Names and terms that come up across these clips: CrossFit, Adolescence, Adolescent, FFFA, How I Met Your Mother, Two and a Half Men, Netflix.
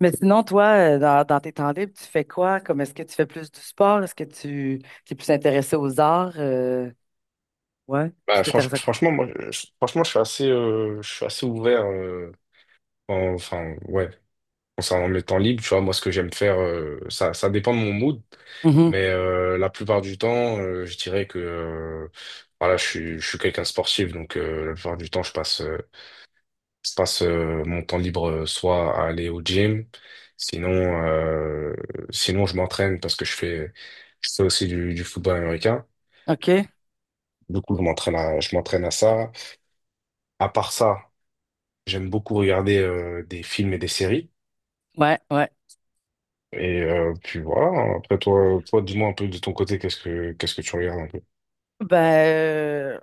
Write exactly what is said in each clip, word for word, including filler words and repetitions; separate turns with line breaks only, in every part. Mais sinon, toi, euh, dans, dans tes temps libres, tu fais quoi? Comme est-ce que tu fais plus du sport? Est-ce que tu es plus intéressé aux arts? Euh, ouais, tu
Bah,
t'intéresses
franch-
à quoi?
franchement, moi, je, franchement, je suis assez, euh, je suis assez ouvert. Euh, en- enfin, ouais, concernant mes temps libres, tu vois, moi, ce que j'aime faire, euh, ça, ça dépend de mon mood,
Mhm.
mais euh, la plupart du temps, euh, je dirais que, euh, voilà, je suis, je suis quelqu'un de sportif, donc euh, la plupart du temps, je passe, euh, je passe euh, mon temps libre euh, soit à aller au gym, sinon, euh, sinon, je m'entraîne parce que je fais, je fais aussi du, du football américain.
OK.
Du coup, je m'entraîne à, je m'entraîne à ça. À part ça. J'aime beaucoup regarder euh, des films et des séries.
Ouais, ouais.
Et euh, puis voilà, après toi, toi dis-moi un peu de ton côté, qu'est-ce que qu'est-ce que tu regardes un peu?
Ben, euh,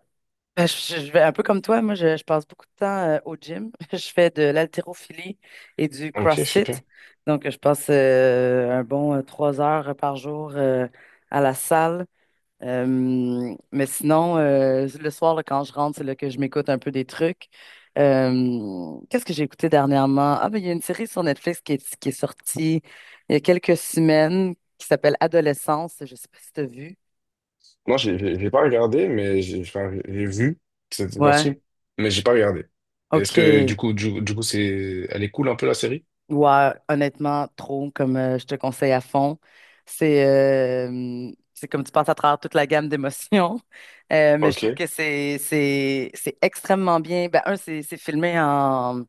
ben, je, je vais un peu comme toi. Moi, je, je passe beaucoup de temps euh, au gym. Je fais de l'haltérophilie et du
Ok,
CrossFit.
super.
Donc, je passe euh, un bon euh, trois heures par jour euh, à la salle. Euh, mais sinon, euh, le soir, là, quand je rentre, c'est là que je m'écoute un peu des trucs. Euh, qu'est-ce que j'ai écouté dernièrement? Ah, ben, il y a une série sur Netflix qui est, qui est sortie il y a quelques semaines qui s'appelle Adolescence. Je sais pas si tu as vu.
Non, j'ai j'ai- j'ai pas regardé, mais j'ai enfin, j'ai vu, c'était
Ouais,
sorti, mais j'ai pas regardé. Est-ce que du
OK.
coup, du, du coup, c'est elle est cool un peu la série?
Ouais, honnêtement, trop, comme euh, je te conseille à fond. C'est euh, c'est comme tu passes à travers toute la gamme d'émotions. Euh, mais je trouve
Ok,
que c'est c'est c'est extrêmement bien. Ben, un, c'est c'est filmé en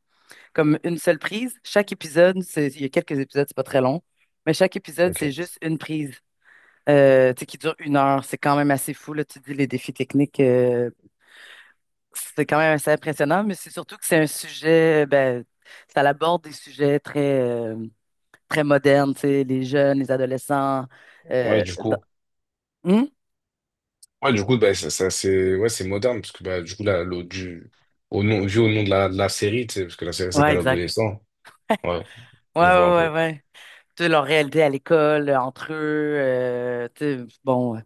comme une seule prise. Chaque épisode, c'est, il y a quelques épisodes, c'est pas très long, mais chaque épisode, c'est
ok.
juste une prise euh, tu sais, qui dure une heure. C'est quand même assez fou, là, tu dis les défis techniques, euh, c'est quand même assez impressionnant, mais c'est surtout que c'est un sujet, ben, ça aborde des sujets très, euh, très modernes, tu sais, les jeunes, les adolescents.
Ouais,
Euh,
du
dans-
coup.
Hmm?
Ouais, du coup, bah, ça, ça, c'est ouais, c'est moderne, parce que bah, du coup, là, l'au- du, au nom, vu au nom de la, de la série, tu sais, parce que la série
Ouais,
s'appelle
exact.
Adolescent. Ouais,
Ouais,
je
ouais,
vois un
ouais,
peu.
ouais. Tu sais, leur réalité à l'école, entre eux, euh, tu sais, bon.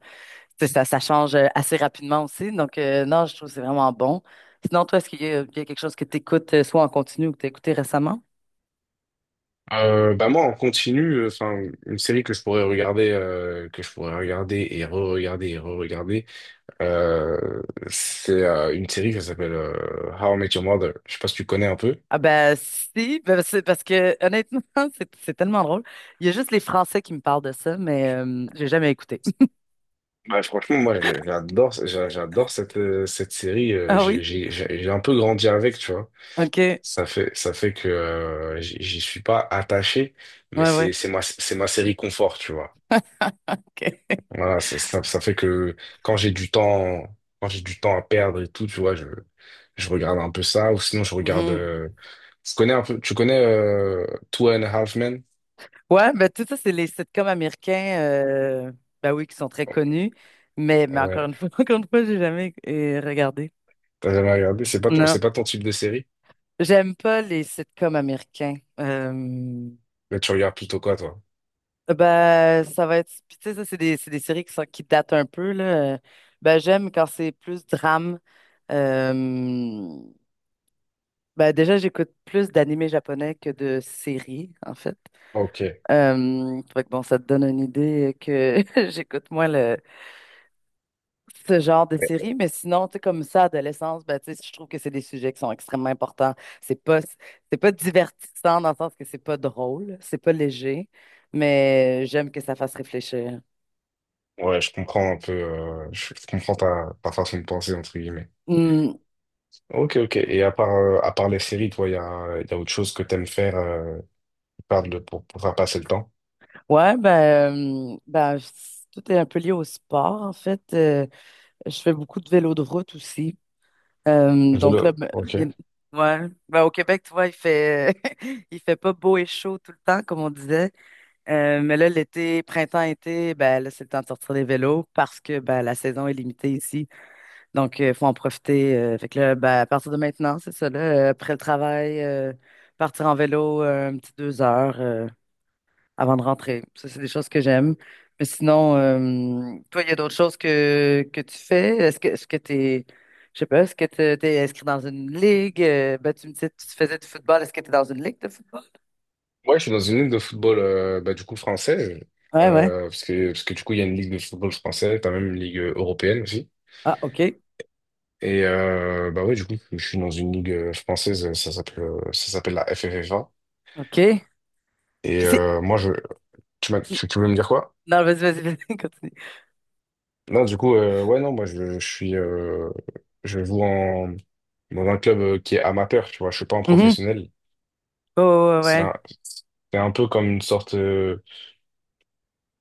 C'est ça, ça change euh, assez rapidement aussi. Donc, euh, non, je trouve que c'est vraiment bon. Sinon, toi, est-ce qu'il y a, il y a quelque chose que tu écoutes soit en continu ou que tu as écouté récemment?
Euh, bah moi en continu, euh, enfin une série que je pourrais regarder, euh, que je pourrais regarder et re-regarder et re-regarder, euh, c'est euh, une série qui s'appelle euh, How I Met Your Mother. Je sais pas si tu connais un peu.
Ah ben si, ben, c'est parce que honnêtement, c'est c'est tellement drôle. Il y a juste les Français qui me parlent de ça, mais euh, j'ai jamais écouté.
Bah franchement moi j'ai- j'adore, j'a- j'adore cette euh, cette série. euh,
Ah
J'ai
oui?
j'ai j'ai j'ai un peu grandi avec, tu vois.
OK. Ouais,
Ça fait ça fait que euh, j'y j'y suis pas attaché, mais c'est
ouais.
c'est ma c'est ma série confort, tu vois.
OK.
Voilà, c'est- ça, ça fait que quand j'ai du temps, quand j'ai du temps à perdre et tout, tu vois, je, je regarde un peu ça, ou sinon je regarde. Euh, tu connais un peu, tu connais euh, Two and a Half Men?
Ouais, ben tout ça, c'est les sitcoms américains, euh, ben oui, qui sont très connus, mais, mais encore
Ouais.
une fois, encore une fois, j'ai jamais euh, regardé.
T'as jamais regardé? C'est pas ton,
Non,
c'est pas ton type de série?
j'aime pas les sitcoms américains. Euh,
Mais tu regardes plutôt quoi, toi?
ben, ça va être, puis tu sais, ça, c'est des, c'est des séries qui sont, qui datent un peu, là. Euh, Ben, j'aime quand c'est plus drame. Euh, ben, déjà, j'écoute plus d'animés japonais que de séries, en fait.
Ok.
Euh, fait que bon, ça te donne une idée que j'écoute moins ce genre de série, mais sinon, tu sais, comme ça, adolescence, ben, tu sais, je trouve que c'est des sujets qui sont extrêmement importants. C'est pas, c'est pas divertissant dans le sens que c'est pas drôle, c'est pas léger, mais j'aime que ça fasse réfléchir.
Ouais, je comprends un peu, euh, je, je comprends ta, ta façon de penser, entre guillemets.
Hmm,
Ok, ok. Et à part, euh, à part les séries, toi, il y a, y a autre chose que t'aimes faire euh, qui parle de- pour, pour faire passer le temps?
ouais, ben, euh, ben, c- tout est un peu lié au sport, en fait. Euh, je fais beaucoup de vélo de route aussi. Euh, donc là,
Vélo.
ben,
Ok.
bien- ouais, ben, au Québec, tu vois, il fait, il fait pas beau et chaud tout le temps, comme on disait. Euh, mais là, l'été, printemps-été, ben là, c'est le temps de sortir des vélos parce que ben, la saison est limitée ici. Donc, il faut en profiter. Euh, fait que là, ben, à partir de maintenant, c'est ça, là, euh, après le travail, euh, partir en vélo euh, un petit deux heures euh, avant de rentrer. Ça, c'est des choses que j'aime. Mais sinon, euh, toi, il y a d'autres choses que, que tu fais? Est-ce que est-ce que t'es, je sais pas, est-ce que t'es, t'es inscrit dans une ligue? Euh, ben, tu me disais que tu faisais du football. Est-ce que tu es dans une ligue de football?
Ouais, je suis dans une ligue de football euh, bah, du coup française,
Ouais, ouais.
euh, parce que, parce que du coup il y a une ligue de football française, t'as même une ligue euh, européenne aussi.
Ah, OK.
Et euh, bah ouais, du coup je suis dans une ligue euh, française, ça s'appelle euh, ça s'appelle la F F F A.
OK.
Et
Puis.
euh, moi je, tu m'as, tu, tu voulais me dire quoi?
Non, vas-y, vas-y, vas-y, continue.
Non, du coup euh, ouais non, moi je, je suis, euh, je joue en dans un club euh, qui est amateur, tu vois, je suis pas un
Mhm.
professionnel.
Oh, ouais,
C'est
ouais.
un, c'est un peu comme une sorte, euh,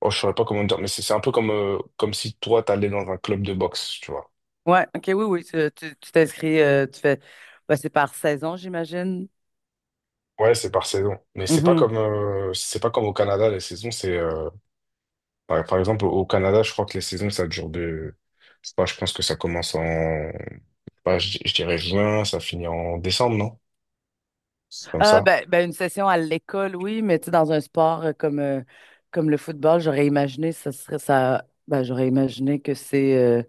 oh je saurais pas comment dire, mais c'est c'est un peu comme euh, comme si toi t'allais dans un club de boxe, tu vois.
Ouais, ouais, ok, oui, oui, tu tu- tu t'inscris, euh, tu fais, bah, c'est par saison, j'imagine.
Ouais, c'est par saison. Mais c'est pas
Mhm.
comme euh, c'est pas comme au Canada, les saisons, c'est euh, par, par exemple au Canada, je crois que les saisons, ça dure de je sais pas, je pense que ça commence en bah, je, je dirais juin, ça finit en décembre, non? C'est comme
Ah,
ça.
ben, ben, une session à l'école, oui, mais tu sais, dans un sport euh, comme, euh, comme le football, j'aurais imaginé, ça serait ça, ben, j'aurais imaginé que c'est euh,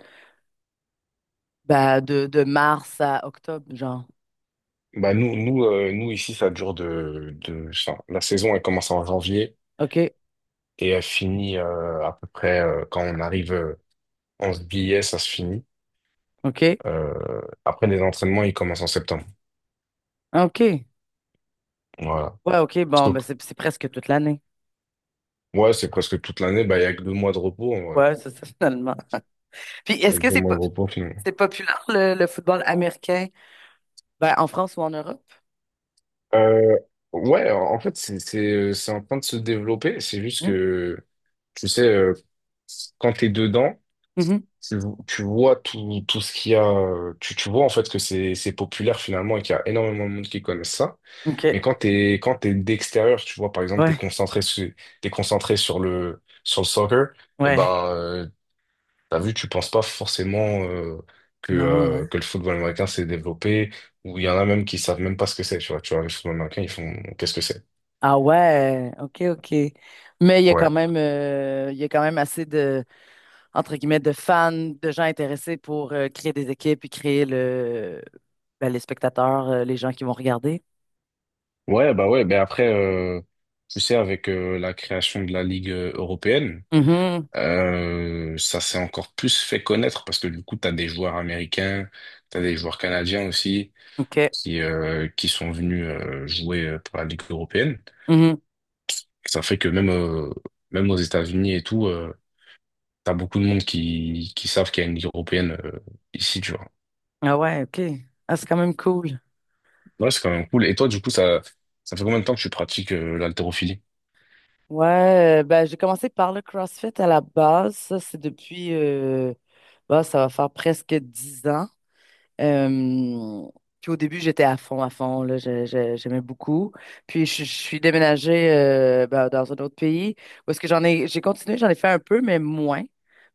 ben, de, de mars à octobre, genre.
Bah nous, nous, euh, nous ici, ça dure de, de enfin, la saison, elle commence en janvier
OK,
et elle finit euh, à peu près euh, quand on arrive euh, en juillet, ça se finit.
OK,
Euh, après les entraînements, ils commencent en septembre.
OK.
Voilà.
Ouais, OK,
Parce
bon, ben,
que-
c'est c'est presque toute l'année.
Ouais, c'est presque toute l'année, bah il y a que deux mois de repos.
Ouais, c'est ça, finalement. Puis, est-ce que c'est
Donne-moi le
pop-
repos finalement.
c'est populaire, le, le football américain? Ben, en France ou en Europe?
Euh, ouais, en fait, c'est c'est, euh, c'est en train de se développer. C'est juste
Hmm.
que, tu sais, euh, quand t'es dedans,
Mhm.
tu, tu vois tout, tout ce qu'il y a. euh, Tu, tu vois en fait que c'est c'est populaire finalement et qu'il y a énormément de monde qui connaissent ça. Mais
OK.
quand t'es quand t'es d'extérieur, tu vois, par exemple, t'es
Ouais,
concentré sur, t'es concentré sur le, sur le soccer, et
ouais.
ben, euh, t'as vu, tu penses pas forcément euh, que,
Non, ouais.
euh, que le football américain s'est développé, ou il y en a même qui savent même pas ce que c'est, tu vois. Tu vois, le football américain, ils font qu'est-ce que c'est?
Ah ouais, OK, OK. Mais il y a
Ouais.
quand même euh, il y a quand même assez de entre guillemets de fans, de gens intéressés pour euh, créer des équipes et créer le ben, les spectateurs, euh, les gens qui vont regarder.
Ouais, bah ouais, mais après, euh, tu sais, avec euh, la création de la Ligue euh, européenne,
Mhm.
euh, ça s'est encore plus fait connaître parce que du coup, t'as des joueurs américains, t'as des joueurs canadiens aussi
OK.
qui, euh, qui sont venus euh, jouer euh, pour la Ligue européenne.
Mhm.
Ça fait que même, euh, même aux États-Unis et tout, euh, t'as beaucoup de monde qui, qui savent qu'il y a une ligue européenne euh, ici, tu vois.
Ah ouais, OK. Ah, c'est quand même cool.
Ouais, c'est quand même cool. Et toi, du coup, ça, ça fait combien de temps que tu pratiques euh, l'haltérophilie?
Ouais, euh, ben j'ai commencé par le CrossFit à la base. Ça, c'est depuis euh, bah, ça va faire presque dix ans. Euh, Puis au début, j'étais à fond, à fond, là, je- je- j'aimais beaucoup. Puis je, je suis déménagée euh, ben, dans un autre pays où est-ce que j'en ai, j'ai continué, j'en ai fait un peu, mais moins.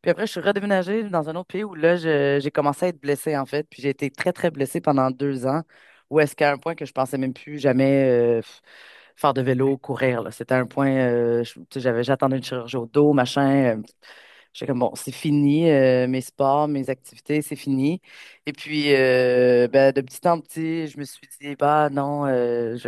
Puis après, je suis redéménagée dans un autre pays où là, je- j'ai commencé à être blessée, en fait. Puis j'ai été très, très blessée pendant deux ans, où est-ce qu'à un point que je pensais même plus jamais faire de vélo, courir, là. C'était un point, euh, je- tu sais, j'avais, j'attendais une chirurgie au dos, machin. euh, J'étais comme, bon, c'est fini, euh, mes sports, mes activités, c'est fini. Et puis, euh, ben, de petit en petit, je me suis dit, bah non, euh, je,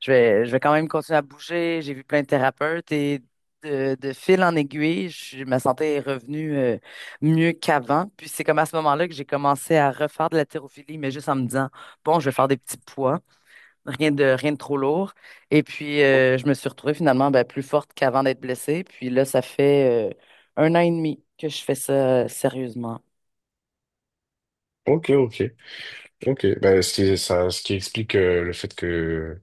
je vais, je vais quand même continuer à bouger. J'ai vu plein de thérapeutes et de, de fil en aiguille, je- ma santé est revenue euh, mieux qu'avant. Puis c'est comme à ce moment-là que j'ai commencé à refaire de la thérophilie, mais juste en me disant, bon, je vais faire des petits poids. Rien de, rien de trop lourd. Et puis,
Mhm.
euh, je me suis retrouvée finalement ben, plus forte qu'avant d'être blessée. Puis là, ça fait euh, un an et demi que je fais ça euh, sérieusement.
Ok, ok, ok. Bah, ce qui, ça, ce qui explique euh, le fait que,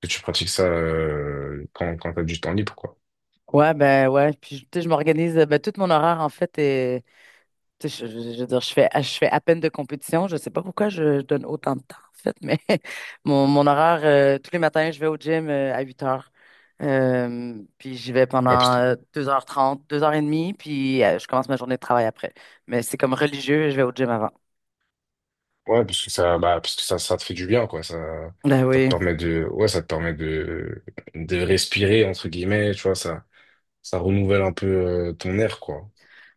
que tu pratiques ça euh, quand, quand t'as du temps libre, quoi.
Ouais, ben ouais. Puis, tu sais, je m'organise. euh, Ben, tout mon horaire, en fait, est, tu sais, je, je- je veux dire, je fais, je fais à peine de compétition. Je sais pas pourquoi je, je donne autant de temps, en fait, mais mon, mon horaire, euh, tous les matins, je vais au gym euh, à huit heures. Euh, puis j'y vais
Bah, parce
pendant
que,
euh, deux heures et demie, deux heures et demie, puis euh, je commence ma journée de travail après. Mais c'est comme religieux, je vais au gym avant.
ouais, parce que ça, bah, Parce que ça, ça te fait du bien, quoi. Ça,
Ben
ça te
oui,
permet de, ouais, ça te permet de, de respirer, entre guillemets, tu vois, ça, ça renouvelle un peu euh, ton air, quoi.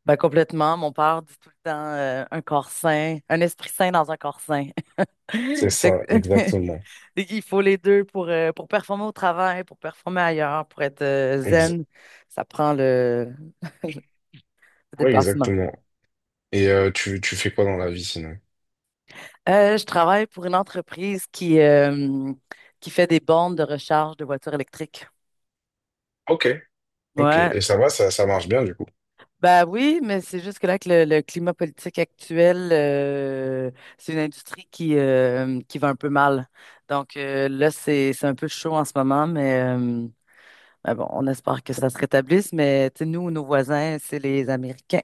ben complètement. Mon père dit tout le temps euh, un corps sain, un esprit sain dans un corps sain.
C'est
Fait
ça,
que-
exactement.
Il faut les deux pour, euh, pour performer au travail, pour performer ailleurs, pour être euh,
Ex-
zen. Ça prend le, le
ouais,
dépassement.
exactement. Et euh, tu, tu fais quoi dans la vie sinon?
Euh, je travaille pour une entreprise qui, euh, qui fait des bornes de recharge de voitures électriques.
Ok, ok.
Ouais.
Et ça va, ça, ça marche bien du coup.
Ben oui, mais c'est juste que là, que le, le climat politique actuel, euh, c'est une industrie qui, euh, qui va un peu mal. Donc euh, là, c'est, c'est un peu chaud en ce moment, mais euh, ben bon, on espère que ça se rétablisse. Mais tu sais, nous, nos voisins, c'est les Américains.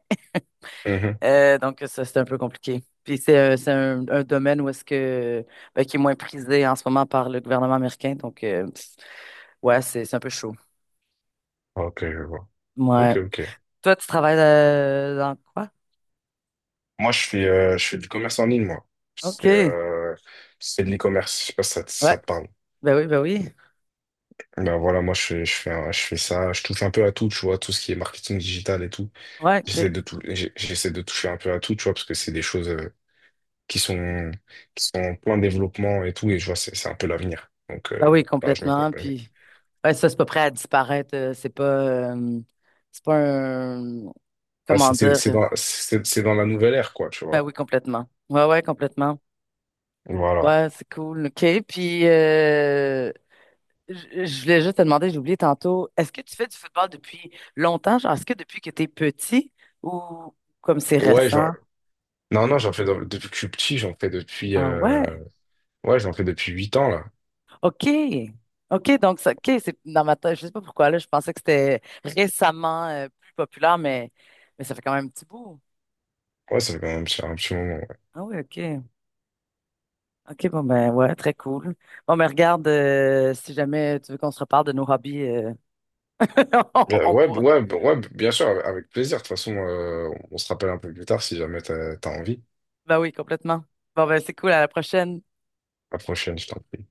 Mhm.
Euh, donc ça, c'est un peu compliqué. Puis c'est euh, c'est un, un domaine où est-ce que, ben, qui est moins prisé en ce moment par le gouvernement américain. Donc euh, pff, ouais, c'est c'est un peu chaud.
Ok, je vois.
Ouais.
Ok, ok.
Toi, tu travailles euh, dans quoi?
Moi, je fais, euh, je fais du commerce en ligne, moi.
OK.
C'est
Ouais.
euh, c'est de l'e-commerce. Je sais pas si ça, te- ça te parle.
Ben oui, ben oui.
Ben voilà, moi, je fais, je fais, un- je fais ça. Je touche un peu à tout, tu vois, tout ce qui est marketing digital et tout.
Ouais,
J'essaie
OK.
de tout, j'ai- j'essaie de toucher un peu à tout, tu vois, parce que c'est des choses euh, qui sont, qui sont en plein développement et tout. Et je vois, c'est c'est un peu l'avenir. Donc,
Ben
euh,
oui,
bah, je me compte.
complètement. Puis, ouais, ça, c'est pas prêt à disparaître. euh, C'est pas, euh, c'est pas un,
Bah,
comment
c'est c'est-
dire?
c'est dans, c'est c'est dans la nouvelle ère, quoi, tu
Ben
vois.
oui, complètement. Ouais, ouais, complètement.
Voilà.
Ouais, c'est cool. OK. Puis, euh, je je voulais juste te demander, j'ai oublié tantôt, est-ce que tu fais du football depuis longtemps? Genre, est-ce que depuis que t'es petit ou comme c'est
Ouais,
récent?
genre... Non, non, j'en fais dans- depuis que je suis petit, j'en fais depuis...
Ah ouais?
euh, ouais, j'en fais depuis huit ans, là.
OK. OK, donc ça, OK, c'est dans ma tête, je sais pas pourquoi là, je pensais que c'était récemment euh, plus populaire, mais, mais ça fait quand même un petit bout.
Ouais, ça fait quand même un petit, un petit moment. Ouais,
Ah oui, OK. OK, bon ben ouais, très cool. Bon, mais regarde, euh, si jamais tu veux qu'on se reparle de nos hobbies, euh, on,
Euh,
on
ouais,
pourra.
ouais, b- ouais, bien sûr, avec avec plaisir. De toute façon, euh, on se rappelle un peu plus tard si jamais t'as, t'as envie.
Ben oui, complètement. Bon ben c'est cool, à la prochaine.
À la prochaine, je t'en prie.